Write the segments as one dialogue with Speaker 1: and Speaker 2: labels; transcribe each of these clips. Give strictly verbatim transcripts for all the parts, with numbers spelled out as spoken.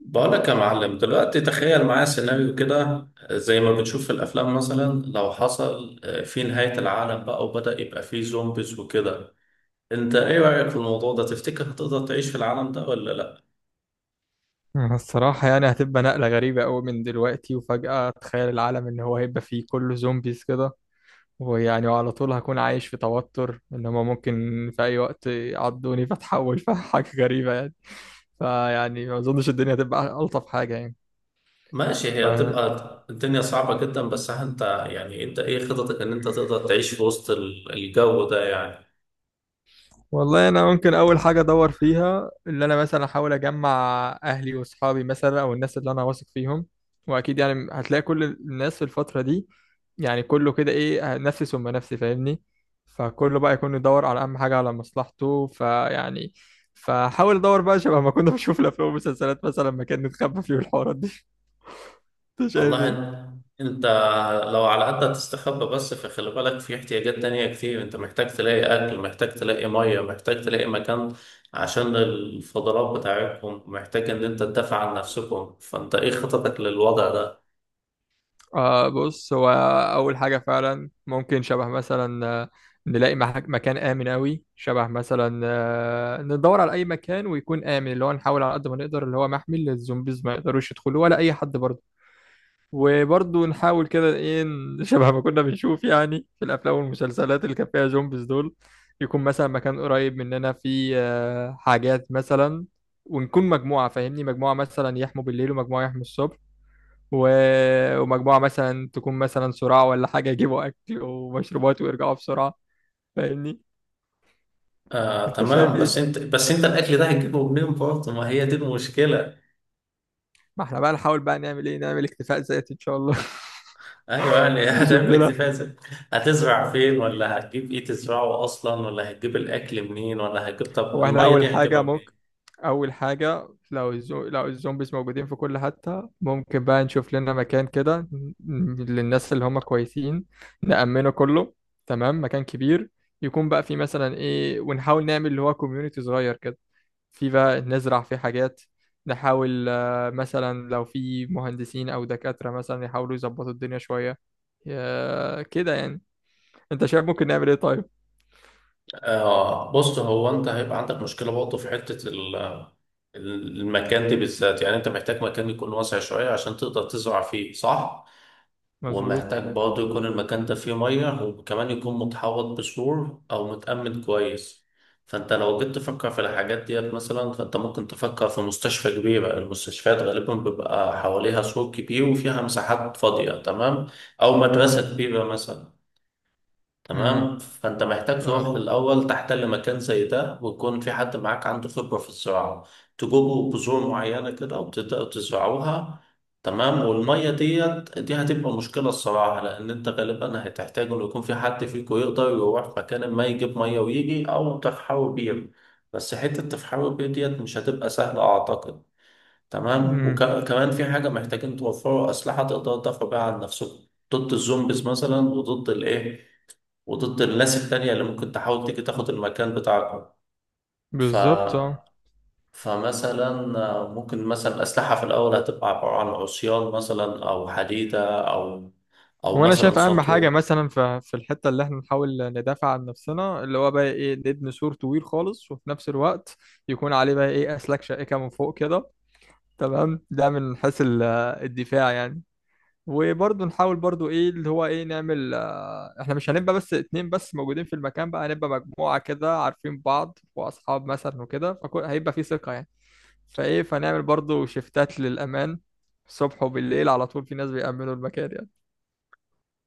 Speaker 1: بقولك يا معلم، دلوقتي تخيل معايا سيناريو كده زي ما بنشوف في الأفلام. مثلا لو حصل آه، في نهاية العالم، بقى وبدأ يبقى فيه زومبيز وكده. أنت إيه رأيك في الموضوع ده؟ تفتكر هتقدر تعيش في العالم ده ولا لأ؟
Speaker 2: أنا الصراحة يعني هتبقى نقلة غريبة أوي من دلوقتي وفجأة تخيل العالم إن هو هيبقى فيه كله زومبيز كده. ويعني وعلى طول هكون عايش في توتر إن هما ممكن في أي وقت يعضوني فتحول فحاجة غريبة يعني. فيعني ما أظنش الدنيا هتبقى ألطف حاجة.
Speaker 1: ماشي، هي
Speaker 2: يعني
Speaker 1: هتبقى الدنيا صعبة جدا، بس أنت يعني أنت إيه خططك إن أنت تقدر تعيش في وسط ال- الجو ده يعني؟
Speaker 2: والله انا ممكن اول حاجه ادور فيها اللي انا مثلا احاول اجمع اهلي واصحابي مثلا او الناس اللي انا واثق فيهم. واكيد يعني هتلاقي كل الناس في الفتره دي يعني كله كده ايه نفسي ثم نفسي، فاهمني؟ فكله بقى يكون يدور على اهم حاجه على مصلحته، فيعني فحاول ادور بقى شبه ما كنا بنشوف الافلام والمسلسلات مثلا مكان نتخبى فيه الحوارات دي. انت شايف
Speaker 1: والله
Speaker 2: ايه؟
Speaker 1: إن- انت لو على قد تستخبى، بس فخلي بالك في احتياجات تانية كتير. انت محتاج تلاقي اكل، محتاج تلاقي مية، محتاج تلاقي مكان عشان الفضلات بتاعتكم، محتاج ان انت تدافع عن نفسكم. فانت ايه خططك للوضع ده؟
Speaker 2: آه، بص هو أول حاجة فعلا ممكن شبه مثلا آه، نلاقي مح- مكان آمن أوي. شبه مثلا آه، ندور على أي مكان ويكون آمن، اللي هو نحاول على قد ما نقدر اللي هو محمي للزومبيز ما يقدروش يدخلوا ولا أي حد برضه. وبرضه نحاول كده إيه ن- شبه ما كنا بنشوف يعني في الأفلام والمسلسلات اللي كان فيها زومبيز دول. يكون مثلا مكان قريب مننا فيه آه، حاجات مثلا. ونكون مجموعة، فاهمني؟ مجموعة مثلا يحموا بالليل ومجموعة يحموا الصبح و... ومجموعة مثلا تكون مثلا صراع ولا حاجة، يجيبوا أكل ومشروبات ويرجعوا بسرعة. فاهمني؟
Speaker 1: آه
Speaker 2: أنت شايف
Speaker 1: تمام،
Speaker 2: إيه؟
Speaker 1: بس انت بس انت الاكل ده هتجيبه منين برضه؟ ما هي دي المشكلة.
Speaker 2: ما احنا بقى نحاول بقى نعمل إيه؟ نعمل اكتفاء ذاتي إن شاء الله.
Speaker 1: ايوه يعني
Speaker 2: نشوف
Speaker 1: هتعمل
Speaker 2: لنا.
Speaker 1: اكتفاء ذاتي. هتزرع فين؟ ولا هتجيب ايه تزرعه اصلا؟ ولا هتجيب الاكل منين؟ ولا هتجيب، طب
Speaker 2: هو احنا
Speaker 1: المية
Speaker 2: أول
Speaker 1: دي هتجيبها
Speaker 2: حاجة
Speaker 1: منين؟
Speaker 2: ممكن أول حاجة لو الزو... لو الزومبيز موجودين في كل حتة، ممكن بقى نشوف لنا مكان كده ن- للناس اللي هم كويسين، نأمنه كله. تمام. مكان كبير يكون بقى فيه مثلا إيه، ونحاول نعمل اللي هو كوميونيتي صغير كده. في بقى نزرع فيه حاجات. نحاول آه، مثلا لو في مهندسين أو دكاترة مثلا يحاولوا يظبطوا الدنيا شوية. يا- كده يعني. أنت شايف ممكن نعمل إيه طيب؟
Speaker 1: آه بص، هو انت هيبقى عندك مشكله برضه في حته ال- المكان دي بالذات. يعني انت محتاج مكان يكون واسع شويه عشان تقدر تزرع فيه، صح؟
Speaker 2: مظبوط.
Speaker 1: ومحتاج برضه يكون المكان ده فيه ميه، وكمان يكون متحوط بسور او متأمن كويس. فانت لو جيت تفكر في الحاجات ديت، مثلا فانت ممكن تفكر في مستشفى كبيره. المستشفيات غالبا بيبقى حواليها سور كبير وفيها مساحات فاضيه، تمام؟ او مدرسه كبيره مثلا.
Speaker 2: امم
Speaker 1: تمام، فانت محتاج تروح
Speaker 2: فعلا.
Speaker 1: الاول تحتل مكان زي ده، ويكون في حد معاك عنده خبره في الزراعه. تجيبوا بذور معينه كده وتبداوا تزرعوها. تمام، والميه ديت دي هتبقى مشكله الصراحه، لان انت غالبا هتحتاج انه يكون في حد فيكم يقدر يروح مكان ما يجيب ميه ويجي، او تفحروا بير. بس حته تفحروا بير ديت مش هتبقى سهله اعتقد. تمام،
Speaker 2: امم
Speaker 1: وكمان في حاجه محتاجين توفروا اسلحه تقدروا تدافعوا بيها عن نفسكم ضد الزومبيز مثلا، وضد الايه، وضد الناس التانية اللي ممكن تحاول تيجي تاخد المكان بتاعكم. ف...
Speaker 2: بالظبط اه.
Speaker 1: فمثلا آه، ممكن مثلا الأسلحة في الأول هتبقى عبارة عن عصيان مثلا، أو حديدة، أو أو
Speaker 2: هو انا
Speaker 1: مثلا
Speaker 2: شايف اهم حاجه
Speaker 1: سطو.
Speaker 2: مثلا ف- في الحته اللي احنا نحاول ندافع عن نفسنا اللي هو بقى ايه نبني سور طويل خالص، وفي نفس الوقت يكون عليه بقى ايه اسلاك شائكه من فوق كده. تمام، ده من حيث ال- الدفاع يعني. وبرضه نحاول برضه ايه اللي هو ايه نعمل آه، احنا مش هنبقى بس اتنين بس موجودين في المكان، بقى هنبقى مجموعة كده عارفين بعض واصحاب مثلا وكده، فهيبقى في ثقة يعني. فايه فنعمل برضه شيفتات للأمان. الصبح وبالليل على طول في ناس بيأمنوا المكان يعني.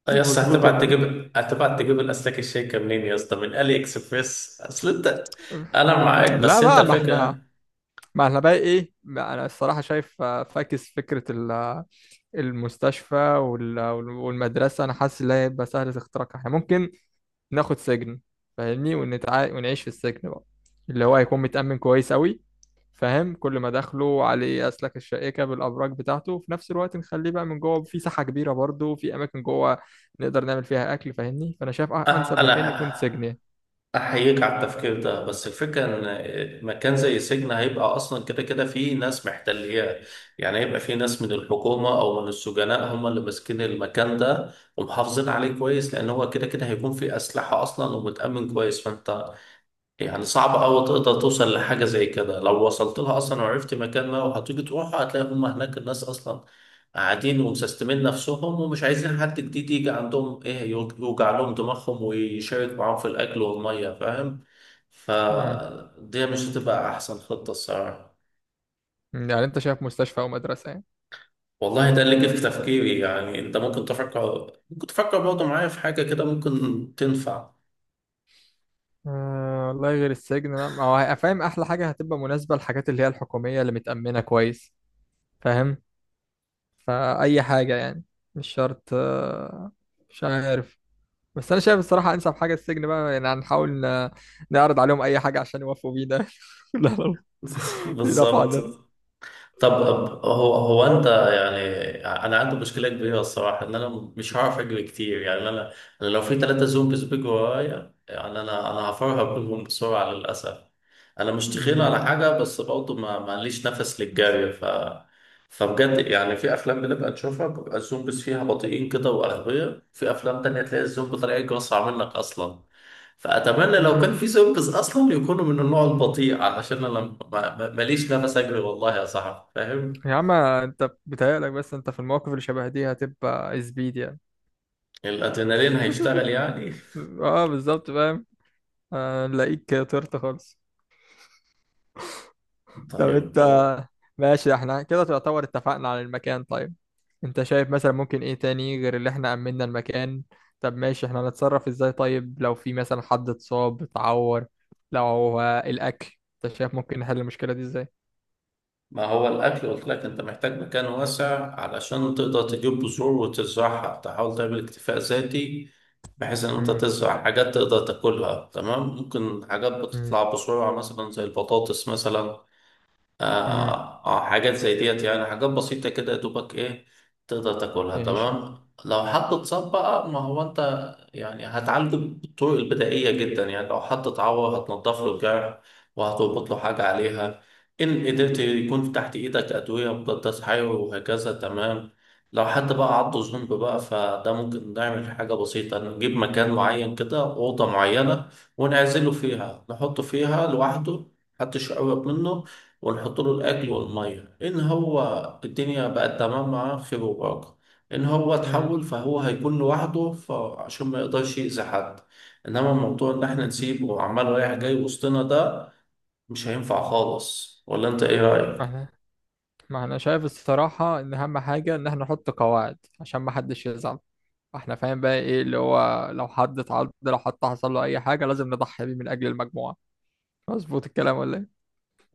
Speaker 1: يا اسطى،
Speaker 2: مظبوط
Speaker 1: هتبعت
Speaker 2: ولا ايه؟
Speaker 1: تجيب هتبعت تجيب الأسلاك الشيكة منين يا اسطى؟ من ألي إكسبريس؟ أصل أنت، أنا معاك
Speaker 2: لا
Speaker 1: بس أنت
Speaker 2: بقى، ما احنا
Speaker 1: الفكرة.
Speaker 2: ما احنا بقى ايه ما انا الصراحة شايف آه، فاكس فكرة ال- المستشفى وال- والمدرسة، انا حاسس ان هي هيبقى سهلة اختراقها. احنا ممكن ناخد سجن، فاهمني؟ ونتع... ونعيش في السجن بقى اللي هو هيكون متأمن كويس قوي. فاهم؟ كل ما دخله عليه أسلاك الشائكة بالأبراج بتاعته، وفي نفس الوقت نخليه بقى من جوه في ساحة كبيرة برضه في أماكن جوه نقدر نعمل فيها أكل. فاهمني؟ فأنا شايف أ- أنسب
Speaker 1: أه،
Speaker 2: مكان يكون
Speaker 1: أنا
Speaker 2: سجن يعني.
Speaker 1: أحييك على التفكير ده، بس الفكرة إن مكان زي سجن هيبقى أصلا كده كده فيه ناس محتلياه. يعني هيبقى فيه ناس من الحكومة أو من السجناء هم اللي ماسكين المكان ده ومحافظين عليه كويس، لأن هو كده كده هيكون فيه أسلحة أصلا ومتأمن كويس. فأنت يعني صعب أوي تقدر توصل لحاجة زي كده. لو وصلت لها أصلا وعرفت مكان ما وهتيجي تروح، هتلاقي هم هناك الناس أصلا قاعدين ومسستمين نفسهم، ومش عايزين حد جديد يجي عندهم إيه، يوج- يوجع لهم دماغهم ويشارك معاهم في الأكل والمية، فاهم؟
Speaker 2: مم.
Speaker 1: فدي مش هتبقى أحسن خطة الصراحة.
Speaker 2: يعني أنت شايف مستشفى أو مدرسة يعني؟
Speaker 1: والله ده اللي جه في تفكيري، يعني أنت ممكن تفكر، ممكن تفكر برضه معايا في حاجة كده ممكن تنفع.
Speaker 2: أه والله غير السجن لا. ما هو فاهم أحلى حاجة هتبقى مناسبة للحاجات اللي هي الحكومية اللي متأمنة كويس. فاهم؟ فأي حاجة يعني مش شرط. آه، مش عارف، بس انا شايف الصراحه انسب حاجه السجن بقى يعني. هنحاول ن- نعرض عليهم اي حاجه عشان يوافقوا بينا. لا لا، يدافعوا
Speaker 1: بالظبط.
Speaker 2: عننا.
Speaker 1: طب أب- هو هو انت يعني انا عندي مشكله كبيره الصراحه ان انا مش هعرف اجري كتير. يعني انا انا لو في تلاتة زومبيز بيجوا ورايا، يعني انا انا هفرهق بيهم بسرعه للاسف. انا مش تخين
Speaker 2: امم.
Speaker 1: على حاجه، بس برضه ما معليش نفس للجري. ف فبجد يعني في افلام بنبقى نشوفها بيبقى الزومبيز فيها بطيئين كده واغبياء، في افلام تانية تلاقي الزومبي طالع يجري اسرع منك اصلا. فأتمنى لو كان
Speaker 2: امم.
Speaker 1: في سيرفيس أصلا يكونوا من النوع البطيء، علشان أنا ما- ما- ماليش نفس أجري والله يا صاحبي، فاهم؟
Speaker 2: يا عم انت بتهيألك، بس انت في المواقف اللي شبه دي هتبقى زبيد يعني.
Speaker 1: الأدرينالين هيشتغل يعني.
Speaker 2: اه بالظبط، فاهم. هنلاقيك طرت خالص. طب
Speaker 1: طيب
Speaker 2: انت،
Speaker 1: هو،
Speaker 2: ماشي احنا كده تعتبر اتفقنا على المكان. طيب انت شايف مثلا ممكن ايه تاني غير اللي احنا امننا المكان؟ طب ماشي احنا هنتصرف ازاي طيب لو في مثلا حد اتصاب اتعور؟ لو هو الاكل؟ انت شايف ممكن نحل المشكلة دي ازاي؟
Speaker 1: ما هو الأكل قلت لك، أنت محتاج مكان واسع علشان تقدر تجيب بذور وتزرعها، تحاول تعمل اكتفاء ذاتي، بحيث إن أنت
Speaker 2: امم.
Speaker 1: تزرع حاجات تقدر تاكلها، تمام؟ ممكن حاجات
Speaker 2: امم.
Speaker 1: بتطلع بسرعة مثلا زي البطاطس مثلا. آه,
Speaker 2: امم.
Speaker 1: آه حاجات زي ديت يعني، حاجات بسيطة كده يا دوبك إيه، تقدر تاكلها
Speaker 2: ايش؟
Speaker 1: تمام. لو حد اتصاب بقى، ما هو أنت يعني هتعالجه بالطرق البدائية جدا. يعني لو حد اتعور هتنضف له الجرح وهتربط له حاجة عليها، إن قدرت يكون تحت إيدك أدوية مضادات حيوي وهكذا، تمام؟ لو حد بقى عضه ذنب بقى، فده ممكن نعمل حاجة بسيطة، نجيب مكان معين كده، أوضة معينة ونعزله فيها، نحطه فيها لوحده، محدش يقرب منه، ونحط له الاكل والميه. ان هو الدنيا بقت تمام معاه، خير وبركه. ان هو
Speaker 2: امم.
Speaker 1: اتحول، فهو هيكون لوحده فعشان ما يقدرش يأذي حد. انما موضوع ان احنا نسيبه وعمال رايح جاي وسطنا ده، مش هينفع خالص، ولا انت ايه
Speaker 2: ما
Speaker 1: رأيك؟
Speaker 2: احنا ما احنا شايف الصراحة ان اهم حاجة ان احنا نحط قواعد عشان ما حدش يزعل. احنا فاهم بقى ايه اللي هو لو حد اتعض لو حد حصل له اي حاجة لازم نضحي بيه من اجل المجموعة. مظبوط الكلام ولا ايه؟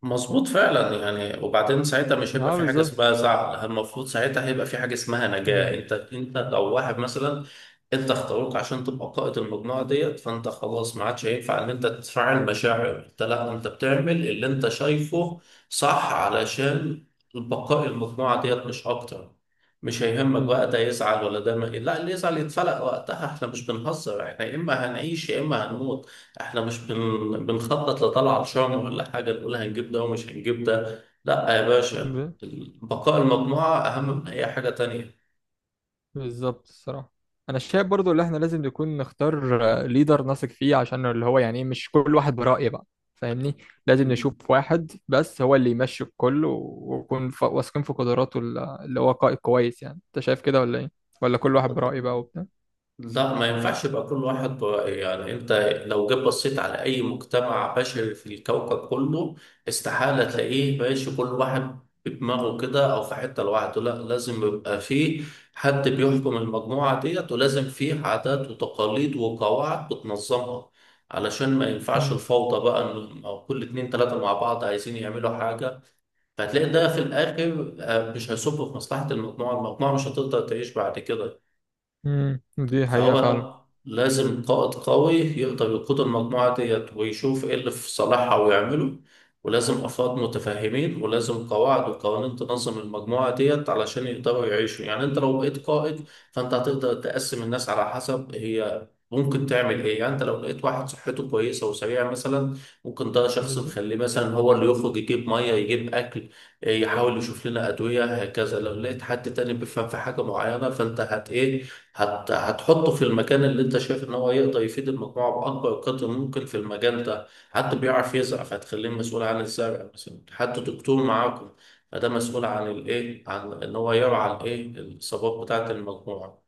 Speaker 1: مظبوط فعلا يعني، وبعدين ساعتها مش هيبقى
Speaker 2: اه
Speaker 1: في حاجه
Speaker 2: بالظبط.
Speaker 1: اسمها زعل، المفروض ساعتها هيبقى في حاجه اسمها نجاه. انت انت لو واحد مثلا انت اختاروك عشان تبقى قائد المجموعه ديت، فانت خلاص ما عادش هينفع ان انت تفعل مشاعر، انت لا، انت بتعمل اللي انت شايفه صح علشان بقاء المجموعه ديت، مش اكتر. مش هيهمك بقى ده يزعل ولا ده ما لا، اللي يزعل يتفلق وقتها. احنا مش بنهزر، احنا يا اما هنعيش يا اما هنموت، احنا مش بن... بنخطط لطلعة شهر ولا حاجة نقول هنجيب ده ومش هنجيب ده، لا يا باشا،
Speaker 2: امم
Speaker 1: بقاء المجموعة أهم من أي حاجة تانية.
Speaker 2: بالظبط الصراحة. أنا شايف برضو اللي إحنا لازم نكون نختار آه، ليدر نثق فيه عشان اللي هو يعني إيه، مش كل واحد برأي بقى. فاهمني؟ لازم نشوف واحد بس هو اللي يمشي الكل، و- ونكون ف- واثقين في قدراته ال- اللي هو قائد كويس يعني. أنت شايف كده ولا إيه؟ ولا كل واحد برأيه بقى وبتاع؟
Speaker 1: لا ما ينفعش يبقى كل واحد ب- يعني انت لو جيت بصيت على اي مجتمع بشري في الكوكب كله، استحالة تلاقيه ماشي كل واحد بدماغه كده او في حتة لوحده. لا، لازم يبقى فيه حد بيحكم المجموعة ديت، ولازم فيه عادات وتقاليد وقواعد بتنظمها، علشان ما ينفعش
Speaker 2: امم.
Speaker 1: الفوضى بقى، انهم او كل اتنين تلاتة مع بعض عايزين يعملوا حاجة. فهتلاقي ده في الاخر آه، مش هيصب في مصلحة المجموعة، المجموعة مش هتقدر تعيش بعد كده.
Speaker 2: امم، دي حقيقة فعلا.
Speaker 1: فهو لازم قائد قوي يقدر يقود المجموعة ديت ويشوف ايه اللي في صالحها ويعمله، ولازم أفراد متفاهمين، ولازم قواعد وقوانين تنظم المجموعة ديت علشان يقدروا يعيشوا. يعني انت لو بقيت قائد، فانت هتقدر تقسم الناس على حسب هي ممكن تعمل ايه. يعني انت لو لقيت واحد صحته كويسة وسريعة مثلا، ممكن ده شخص
Speaker 2: بالظبط.
Speaker 1: نخليه مثلا هو اللي يخرج يجيب مية، يجيب اكل، يحاول يشوف لنا ادوية، هكذا. لو لقيت حد تاني بيفهم في حاجة معينة، فانت هت ايه هت... هتحطه في المكان اللي انت شايف ان هو يقدر يفيد المجموعه باكبر قدر ممكن في المجال ده. حد بيعرف يزرع، فهتخليه مسؤول عن الزرع مثلا. حد دكتور معاكم، فده مسؤول عن الايه، عن ان هو يرعى الايه الاصابات بتاعه المجموعه.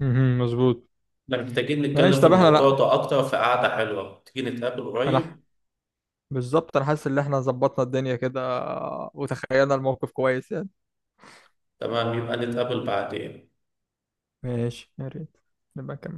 Speaker 2: امم مظبوط.
Speaker 1: احنا محتاجين نتكلم
Speaker 2: ماشي،
Speaker 1: في
Speaker 2: طب إحنا
Speaker 1: الموضوع
Speaker 2: لأ.
Speaker 1: ده اكتر في قعده حلوه، تيجي نتقابل
Speaker 2: أنا
Speaker 1: قريب.
Speaker 2: بالظبط أنا حاسس إن إحنا ظبطنا الدنيا كده وتخيلنا الموقف كويس يعني.
Speaker 1: تمام، يبقى نتقابل بعدين.
Speaker 2: ماشي، يا ريت نبقى نكمل.